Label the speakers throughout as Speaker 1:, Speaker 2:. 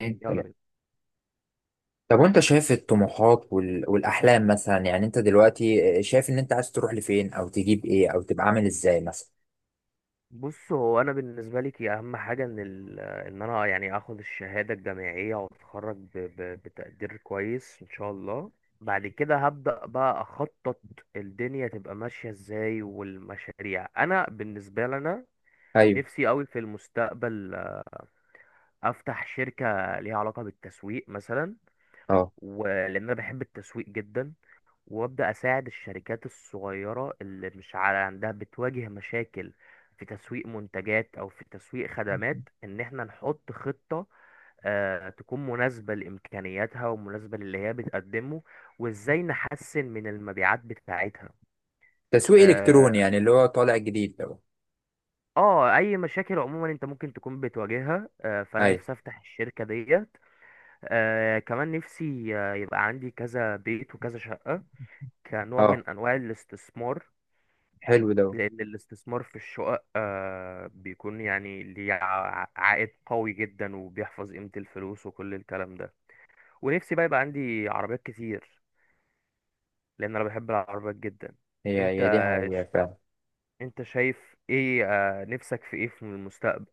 Speaker 1: اتنين،
Speaker 2: يلا بينا.
Speaker 1: تلاتة. طب، وانت شايف الطموحات والاحلام مثلا، يعني انت دلوقتي شايف ان انت عايز تروح لفين او تجيب ايه او تبقى عامل ازاي مثلا؟
Speaker 2: بص، هو انا بالنسبه لي كي اهم حاجه ان ال... ان انا يعني اخد الشهاده الجامعيه واتخرج بتقدير كويس ان شاء الله. بعد كده هبدا بقى اخطط الدنيا تبقى ماشيه ازاي والمشاريع. انا بالنسبه لنا
Speaker 1: ايوه.
Speaker 2: نفسي قوي في المستقبل، افتح شركه ليها علاقه بالتسويق مثلا،
Speaker 1: اه.
Speaker 2: ولان انا بحب التسويق جدا وابدا اساعد الشركات الصغيره اللي مش على عندها بتواجه مشاكل في تسويق منتجات او في تسويق خدمات، ان احنا نحط خطه تكون مناسبه لامكانياتها ومناسبه للي هي بتقدمه، وازاي نحسن من المبيعات بتاعتها.
Speaker 1: تسويق
Speaker 2: اه،
Speaker 1: الكتروني يعني اللي هو طالع جديد ده.
Speaker 2: اي مشاكل عموما انت ممكن تكون بتواجهها، فانا
Speaker 1: ايوه.
Speaker 2: نفسي افتح الشركه ديت. كمان نفسي يبقى عندي كذا بيت وكذا شقه، كنوع
Speaker 1: اه.
Speaker 2: من انواع الاستثمار.
Speaker 1: حلو ده.
Speaker 2: لأن الاستثمار في الشقق بيكون يعني ليه عائد قوي جدا وبيحفظ قيمة الفلوس وكل الكلام ده. ونفسي بقى يبقى عندي عربيات كتير، لأن أنا بحب العربيات جدا.
Speaker 1: هي
Speaker 2: أنت،
Speaker 1: هي دي حقيقة
Speaker 2: ش-
Speaker 1: فعلا.
Speaker 2: أنت شايف إيه، نفسك في إيه في المستقبل؟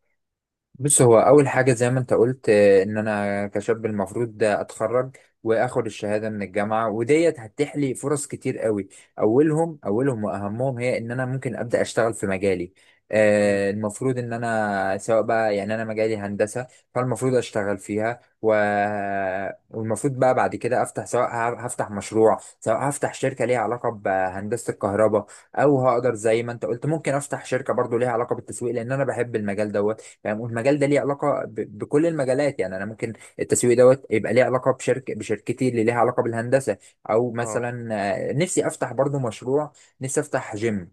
Speaker 1: بص، هو اول حاجه زي ما انت قلت ان انا كشاب المفروض ده اتخرج واخد الشهاده من الجامعه، وديت هتتيح لي فرص كتير قوي. اولهم اولهم واهمهم هي ان انا ممكن ابدا اشتغل في مجالي.
Speaker 2: مم.
Speaker 1: المفروض ان انا سواء بقى، يعني انا مجالي هندسه، فالمفروض اشتغل فيها. والمفروض بقى بعد كده افتح، سواء هفتح مشروع، سواء هفتح شركه ليها علاقه بهندسه الكهرباء، او هقدر زي ما انت قلت ممكن افتح شركه برضو ليها علاقه بالتسويق لان انا بحب المجال ده. فاهم؟ والمجال ده ليه علاقه بكل المجالات، يعني انا ممكن التسويق دوت يبقى ليه علاقه بشركتي اللي ليها علاقه بالهندسه، او
Speaker 2: أه.
Speaker 1: مثلا نفسي افتح برضو مشروع، نفسي افتح جيم،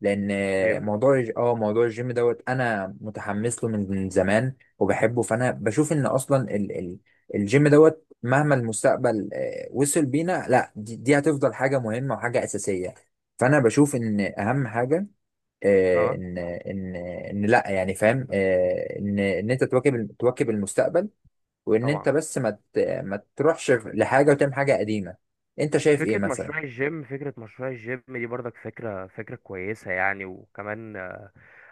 Speaker 1: لان
Speaker 2: جيم.
Speaker 1: موضوع موضوع الجيم دوت انا متحمس له من زمان وبحبه. فانا بشوف ان اصلا ال ال الجيم دوت، مهما المستقبل وصل بينا، لا دي هتفضل حاجه مهمه وحاجه اساسيه. فانا بشوف ان اهم حاجه، آه،
Speaker 2: أه
Speaker 1: ان ان ان لا يعني، فاهم؟ آه، ان ان انت تواكب المستقبل، وان
Speaker 2: طبعا.
Speaker 1: انت بس ما تروحش لحاجه وتعمل حاجه قديمه. انت شايف ايه
Speaker 2: فكرة
Speaker 1: مثلا؟
Speaker 2: مشروع الجيم، دي برضك فكرة كويسة يعني، وكمان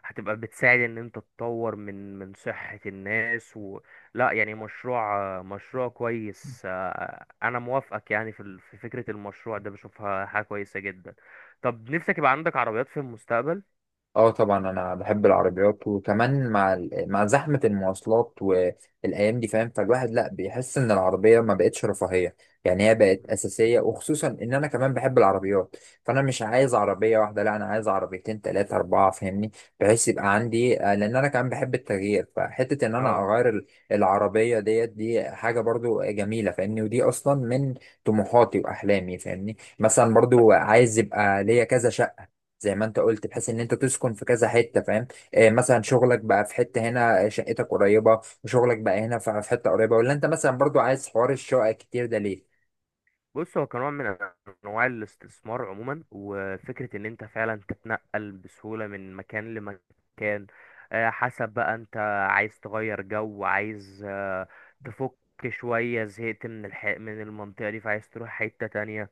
Speaker 2: هتبقى بتساعد ان انت تطور من صحة الناس و... لا يعني مشروع كويس، انا موافقك يعني في فكرة المشروع ده، بشوفها حاجة كويسة جدا. طب نفسك يبقى عندك عربيات في المستقبل؟
Speaker 1: اه طبعا، انا بحب العربيات، وكمان مع مع زحمه المواصلات والايام دي، فاهم؟ فالواحد لا بيحس ان العربيه ما بقتش رفاهيه، يعني هي بقت
Speaker 2: مم.
Speaker 1: اساسيه. وخصوصا ان انا كمان بحب العربيات، فانا مش عايز عربيه واحده، لا انا عايز عربيتين، ثلاثه، اربعه، فاهمني؟ بحيث يبقى عندي لان انا كمان بحب التغيير، فحته ان انا
Speaker 2: اه.
Speaker 1: اغير العربيه ديت، دي حاجه برضو جميله، فاهمني؟ ودي اصلا من طموحاتي واحلامي، فاهمني؟ مثلا برضو عايز يبقى ليا كذا شقه، زي ما انت قلت، بحيث ان انت تسكن في كذا حته، فاهم؟ مثلا
Speaker 2: طيب.
Speaker 1: شغلك بقى في حته هنا، شقتك قريبه وشغلك بقى هنا في حته قريبه، ولا انت مثلا برضو عايز حوار الشقق كتير ده ليه؟
Speaker 2: بص، هو كنوع من انواع الاستثمار عموما، وفكره ان انت فعلا تتنقل بسهوله من مكان لمكان، حسب بقى انت عايز تغير جو، عايز تفك شويه، زهقت من من المنطقه دي فعايز تروح حته تانية.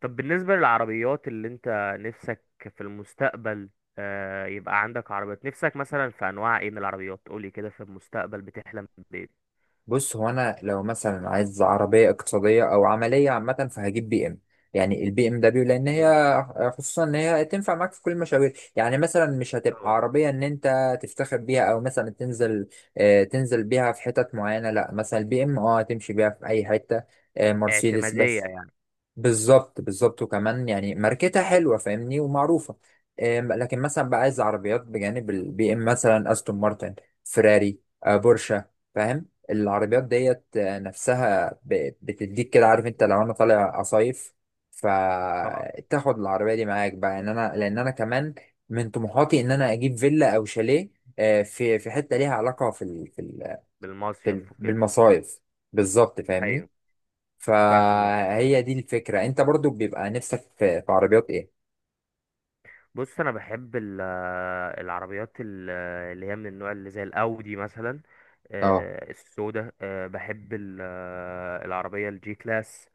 Speaker 2: طب بالنسبه للعربيات اللي انت نفسك في المستقبل يبقى عندك عربيات، نفسك مثلا في انواع ايه من العربيات؟ قولي كده، في المستقبل بتحلم بايه؟
Speaker 1: بص، هو انا لو مثلا عايز عربيه اقتصاديه او عمليه عامه فهجيب بي ام، يعني البي ام دبليو، لان هي
Speaker 2: مم،
Speaker 1: خصوصا ان هي تنفع معاك في كل المشاوير، يعني مثلا مش هتبقى
Speaker 2: طبعا.
Speaker 1: عربيه ان انت تفتخر بيها او مثلا تنزل، تنزل بيها في حتت معينه، لا مثلا البي ام تمشي بيها في اي حته. مرسيدس
Speaker 2: اعتماديه
Speaker 1: بس.
Speaker 2: يعني.
Speaker 1: بالظبط، بالظبط، وكمان يعني ماركتها حلوه، فاهمني؟ ومعروفه. لكن مثلا بقى عايز عربيات بجانب البي ام، مثلا استون مارتن، فيراري، بورشة، فاهم؟ العربيات ديت نفسها بتديك كده، عارف؟ انت لو انا طالع اصيف
Speaker 2: اه.
Speaker 1: فتاخد العربيه دي معاك بقى، ان انا، لان انا كمان من طموحاتي ان انا اجيب فيلا او شاليه، في حته ليها علاقه
Speaker 2: بالمصيف وكده.
Speaker 1: بالمصايف، بالظبط، فاهمني؟
Speaker 2: ايوه. فاهمك.
Speaker 1: فهي دي الفكرة. انت برضو بيبقى نفسك في عربيات ايه؟
Speaker 2: بص، انا بحب العربيات اللي هي من النوع اللي زي الاودي مثلا،
Speaker 1: اه.
Speaker 2: السودا. بحب العربيه الجي كلاس،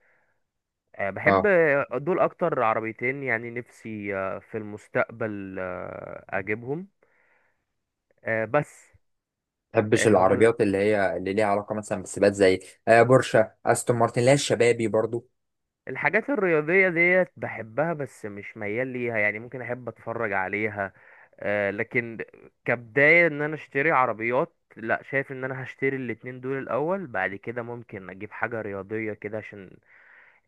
Speaker 2: بحب.
Speaker 1: اه.
Speaker 2: دول اكتر عربيتين يعني نفسي في المستقبل اجيبهم، بس.
Speaker 1: تحبش
Speaker 2: هم،
Speaker 1: العربيات اللي هي اللي ليها علاقة مثلا بالسباقات، زي بورشة، استون مارتن، اللي هي الشبابي برضو؟
Speaker 2: الحاجات الرياضية ديت بحبها بس مش ميال ليها، يعني ممكن أحب أتفرج عليها، لكن كبداية إن أنا أشتري عربيات، لا، شايف إن أنا هشتري الاتنين دول الأول، بعد كده ممكن أجيب حاجة رياضية كده، عشان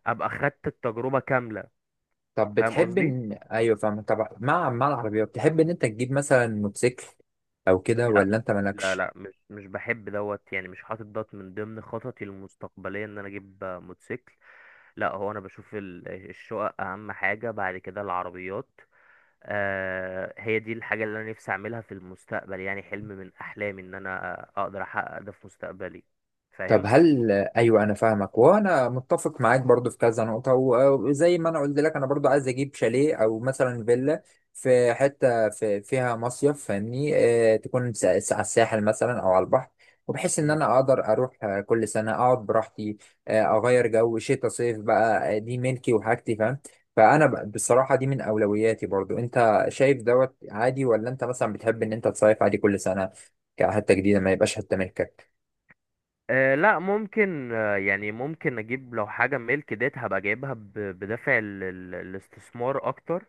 Speaker 2: أبقى خدت التجربة كاملة.
Speaker 1: طب
Speaker 2: فاهم
Speaker 1: بتحب
Speaker 2: قصدي؟
Speaker 1: ان، ايوه فاهم، طب مع العربيات تحب ان انت تجيب مثلا موتوسيكل او كده،
Speaker 2: لا.
Speaker 1: ولا انت
Speaker 2: لا
Speaker 1: مالكش؟
Speaker 2: لا مش بحب دوت يعني، مش حاطط دوت من ضمن خططي المستقبلية إن أنا أجيب، موتوسيكل. لا، هو أنا بشوف الشقق أهم حاجة، بعد كده العربيات. هي دي الحاجة اللي أنا نفسي أعملها في المستقبل، يعني حلم من أحلامي إن أنا أقدر أحقق ده في مستقبلي.
Speaker 1: طب
Speaker 2: فاهم؟
Speaker 1: هل، ايوه، انا فاهمك، وانا متفق معاك برضو في كذا نقطه، وزي ما انا قلت لك انا برضو عايز اجيب شاليه او مثلا فيلا في حته في فيها مصيف، فاهمني؟ تكون على الساحل مثلا او على البحر، وبحيث ان
Speaker 2: مم.
Speaker 1: انا اقدر اروح كل سنه اقعد براحتي. اغير جو، شتاء صيف بقى، دي ملكي وحاجتي، فاهم؟ فانا بصراحه دي من اولوياتي برضو. انت شايف دوت عادي ولا انت مثلا بتحب ان انت تصيف عادي كل سنه كحته جديده، ما يبقاش حته ملكك؟
Speaker 2: أه، لا ممكن، يعني ممكن أجيب لو حاجة ملك ديت، هبقى جايبها بدافع الاستثمار أكتر،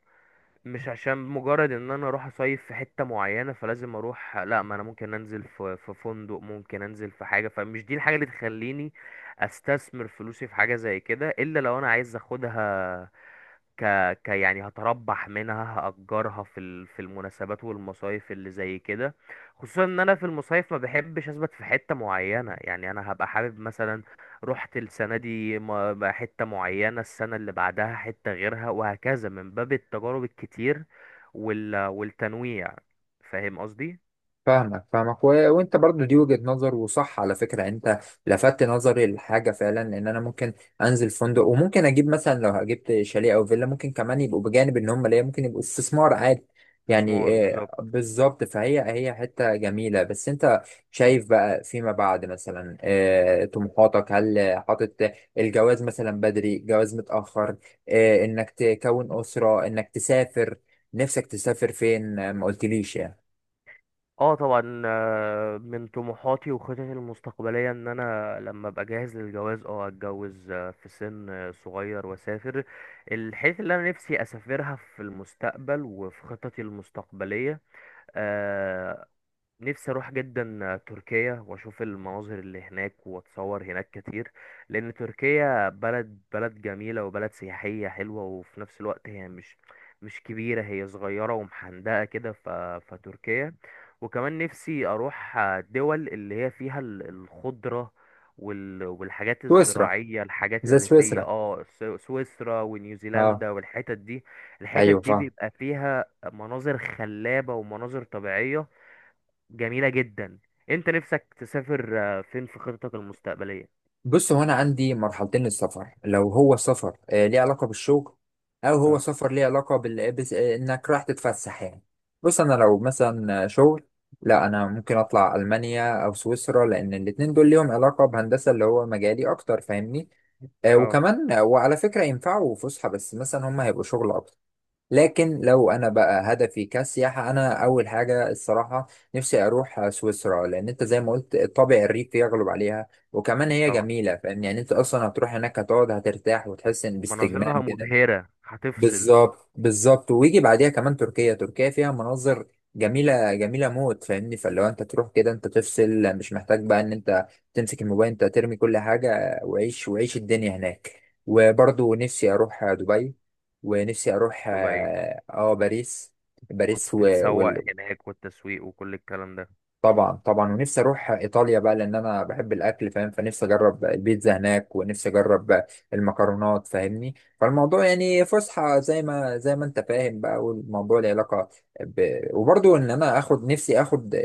Speaker 2: مش عشان مجرد إن أنا أروح أصيف في حتة معينة فلازم أروح. لا، ما أنا ممكن أنزل في فندق، ممكن أنزل في حاجة، فمش دي الحاجة اللي تخليني أستثمر فلوسي في حاجة زي كده، إلا لو أنا عايز أخدها ك... ك يعني هتربح منها، هأجرها في المناسبات والمصايف اللي زي كده. خصوصا ان انا في المصايف ما بحبش اثبت في حتة معينة، يعني انا هبقى حابب مثلا رحت السنة دي بقى حتة معينة، السنة اللي بعدها حتة غيرها، وهكذا من باب التجارب الكتير والتنويع. فاهم قصدي؟
Speaker 1: فاهمك، فاهمك، وانت برضو دي وجهة نظر، وصح على فكرة، يعني انت لفتت نظري لحاجة فعلا، لان انا ممكن انزل فندق، وممكن اجيب مثلا، لو جبت شاليه او فيلا ممكن كمان يبقوا بجانب ان هم ليا ممكن يبقوا استثمار عادي، يعني
Speaker 2: استثمار بالظبط.
Speaker 1: بالظبط. فهي هي حتة جميلة. بس انت شايف بقى فيما بعد مثلا طموحاتك، هل حاطط الجواز مثلا بدري، جواز متأخر؟ انك تكون أسرة، انك تسافر، نفسك تسافر فين؟ ما قلتليش يعني.
Speaker 2: اه طبعا، من طموحاتي وخططي المستقبليه ان انا لما ابقى جاهز للجواز اه اتجوز في سن صغير، واسافر الحته اللي انا نفسي اسافرها في المستقبل وفي خططي المستقبليه. آه، نفسي اروح جدا تركيا واشوف المناظر اللي هناك واتصور هناك كتير، لان تركيا بلد جميلة وبلد سياحية حلوة، وفي نفس الوقت هي مش كبيرة، هي صغيرة ومحندقة كده فتركيا. وكمان نفسي اروح دول اللي هي فيها الخضرة والحاجات
Speaker 1: سويسرا،
Speaker 2: الزراعية، الحاجات
Speaker 1: زي
Speaker 2: الريفية،
Speaker 1: سويسرا.
Speaker 2: اه سويسرا
Speaker 1: اه.
Speaker 2: ونيوزيلندا والحتت دي. الحتت
Speaker 1: ايوه
Speaker 2: دي
Speaker 1: فاهم.
Speaker 2: بيبقى فيها مناظر خلابة ومناظر طبيعية جميلة جدا. انت نفسك تسافر فين في خطتك المستقبلية؟
Speaker 1: بص، هو انا عندي مرحلتين للسفر، لو هو سفر ليه علاقه بالشغل، او هو
Speaker 2: اه.
Speaker 1: سفر ليه علاقه بال... بس... آه انك رايح تتفسح يعني. بص، انا لو مثلا شغل، لا انا ممكن اطلع المانيا او سويسرا لان الاتنين دول ليهم علاقه بهندسه اللي هو مجالي اكتر، فاهمني؟
Speaker 2: اه
Speaker 1: وكمان وعلى فكره ينفعوا فسحه، بس مثلا هم هيبقوا شغل اكتر. لكن لو انا بقى هدفي كسياحه، انا اول حاجه الصراحه نفسي اروح سويسرا، لان انت زي ما قلت الطابع الريفي يغلب عليها، وكمان هي
Speaker 2: طبعا.
Speaker 1: جميله، فاهم؟ يعني انت اصلا هتروح هناك هتقعد هترتاح وتحس ان باستجمام
Speaker 2: مناظرها
Speaker 1: كده.
Speaker 2: مبهرة، هتفصل.
Speaker 1: بالظبط، بالظبط. ويجي بعديها كمان تركيا. تركيا فيها مناظر جميلة، جميلة موت، فاهمني؟ فلو انت تروح كده انت تفصل، مش محتاج بقى ان انت تمسك الموبايل، انت ترمي كل حاجة وعيش وعيش الدنيا هناك. وبرضو نفسي اروح دبي، ونفسي اروح
Speaker 2: دبي،
Speaker 1: باريس. باريس
Speaker 2: وتتسوق
Speaker 1: وال-
Speaker 2: هناك والتسويق وكل الكلام ده.
Speaker 1: طبعا، طبعا. ونفسي اروح ايطاليا بقى، لان انا بحب الاكل، فاهم؟ فنفسي اجرب البيتزا هناك، ونفسي اجرب المكرونات، فاهمني؟ فالموضوع يعني فسحه، زي ما انت فاهم بقى. والموضوع له علاقه وبرضو ان انا اخد، نفسي اخد آه،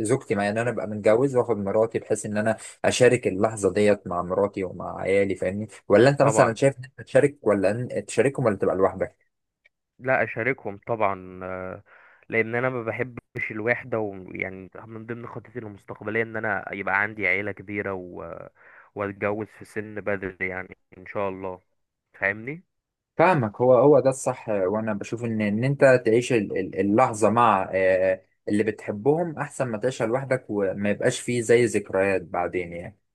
Speaker 1: آه، زوجتي معايا، ان انا
Speaker 2: مم.
Speaker 1: ابقى متجوز واخد مراتي، بحيث ان انا اشارك اللحظه ديت مع مراتي ومع عيالي، فاهمني؟ ولا انت مثلا
Speaker 2: طبعا.
Speaker 1: شايف ان انت تشارك، ولا تشاركهم، ولا تبقى لوحدك؟
Speaker 2: لا، اشاركهم طبعا، لان انا ما بحبش الوحده، ويعني من ضمن خطتي المستقبليه ان انا يبقى عندي عيله كبيره و... واتجوز في سن بدري يعني ان شاء الله. فاهمني
Speaker 1: فاهمك. هو هو ده الصح. وانا بشوف ان انت تعيش اللحظه مع اللي بتحبهم، احسن ما تعيشها لوحدك وما يبقاش فيه زي ذكريات بعدين يعني.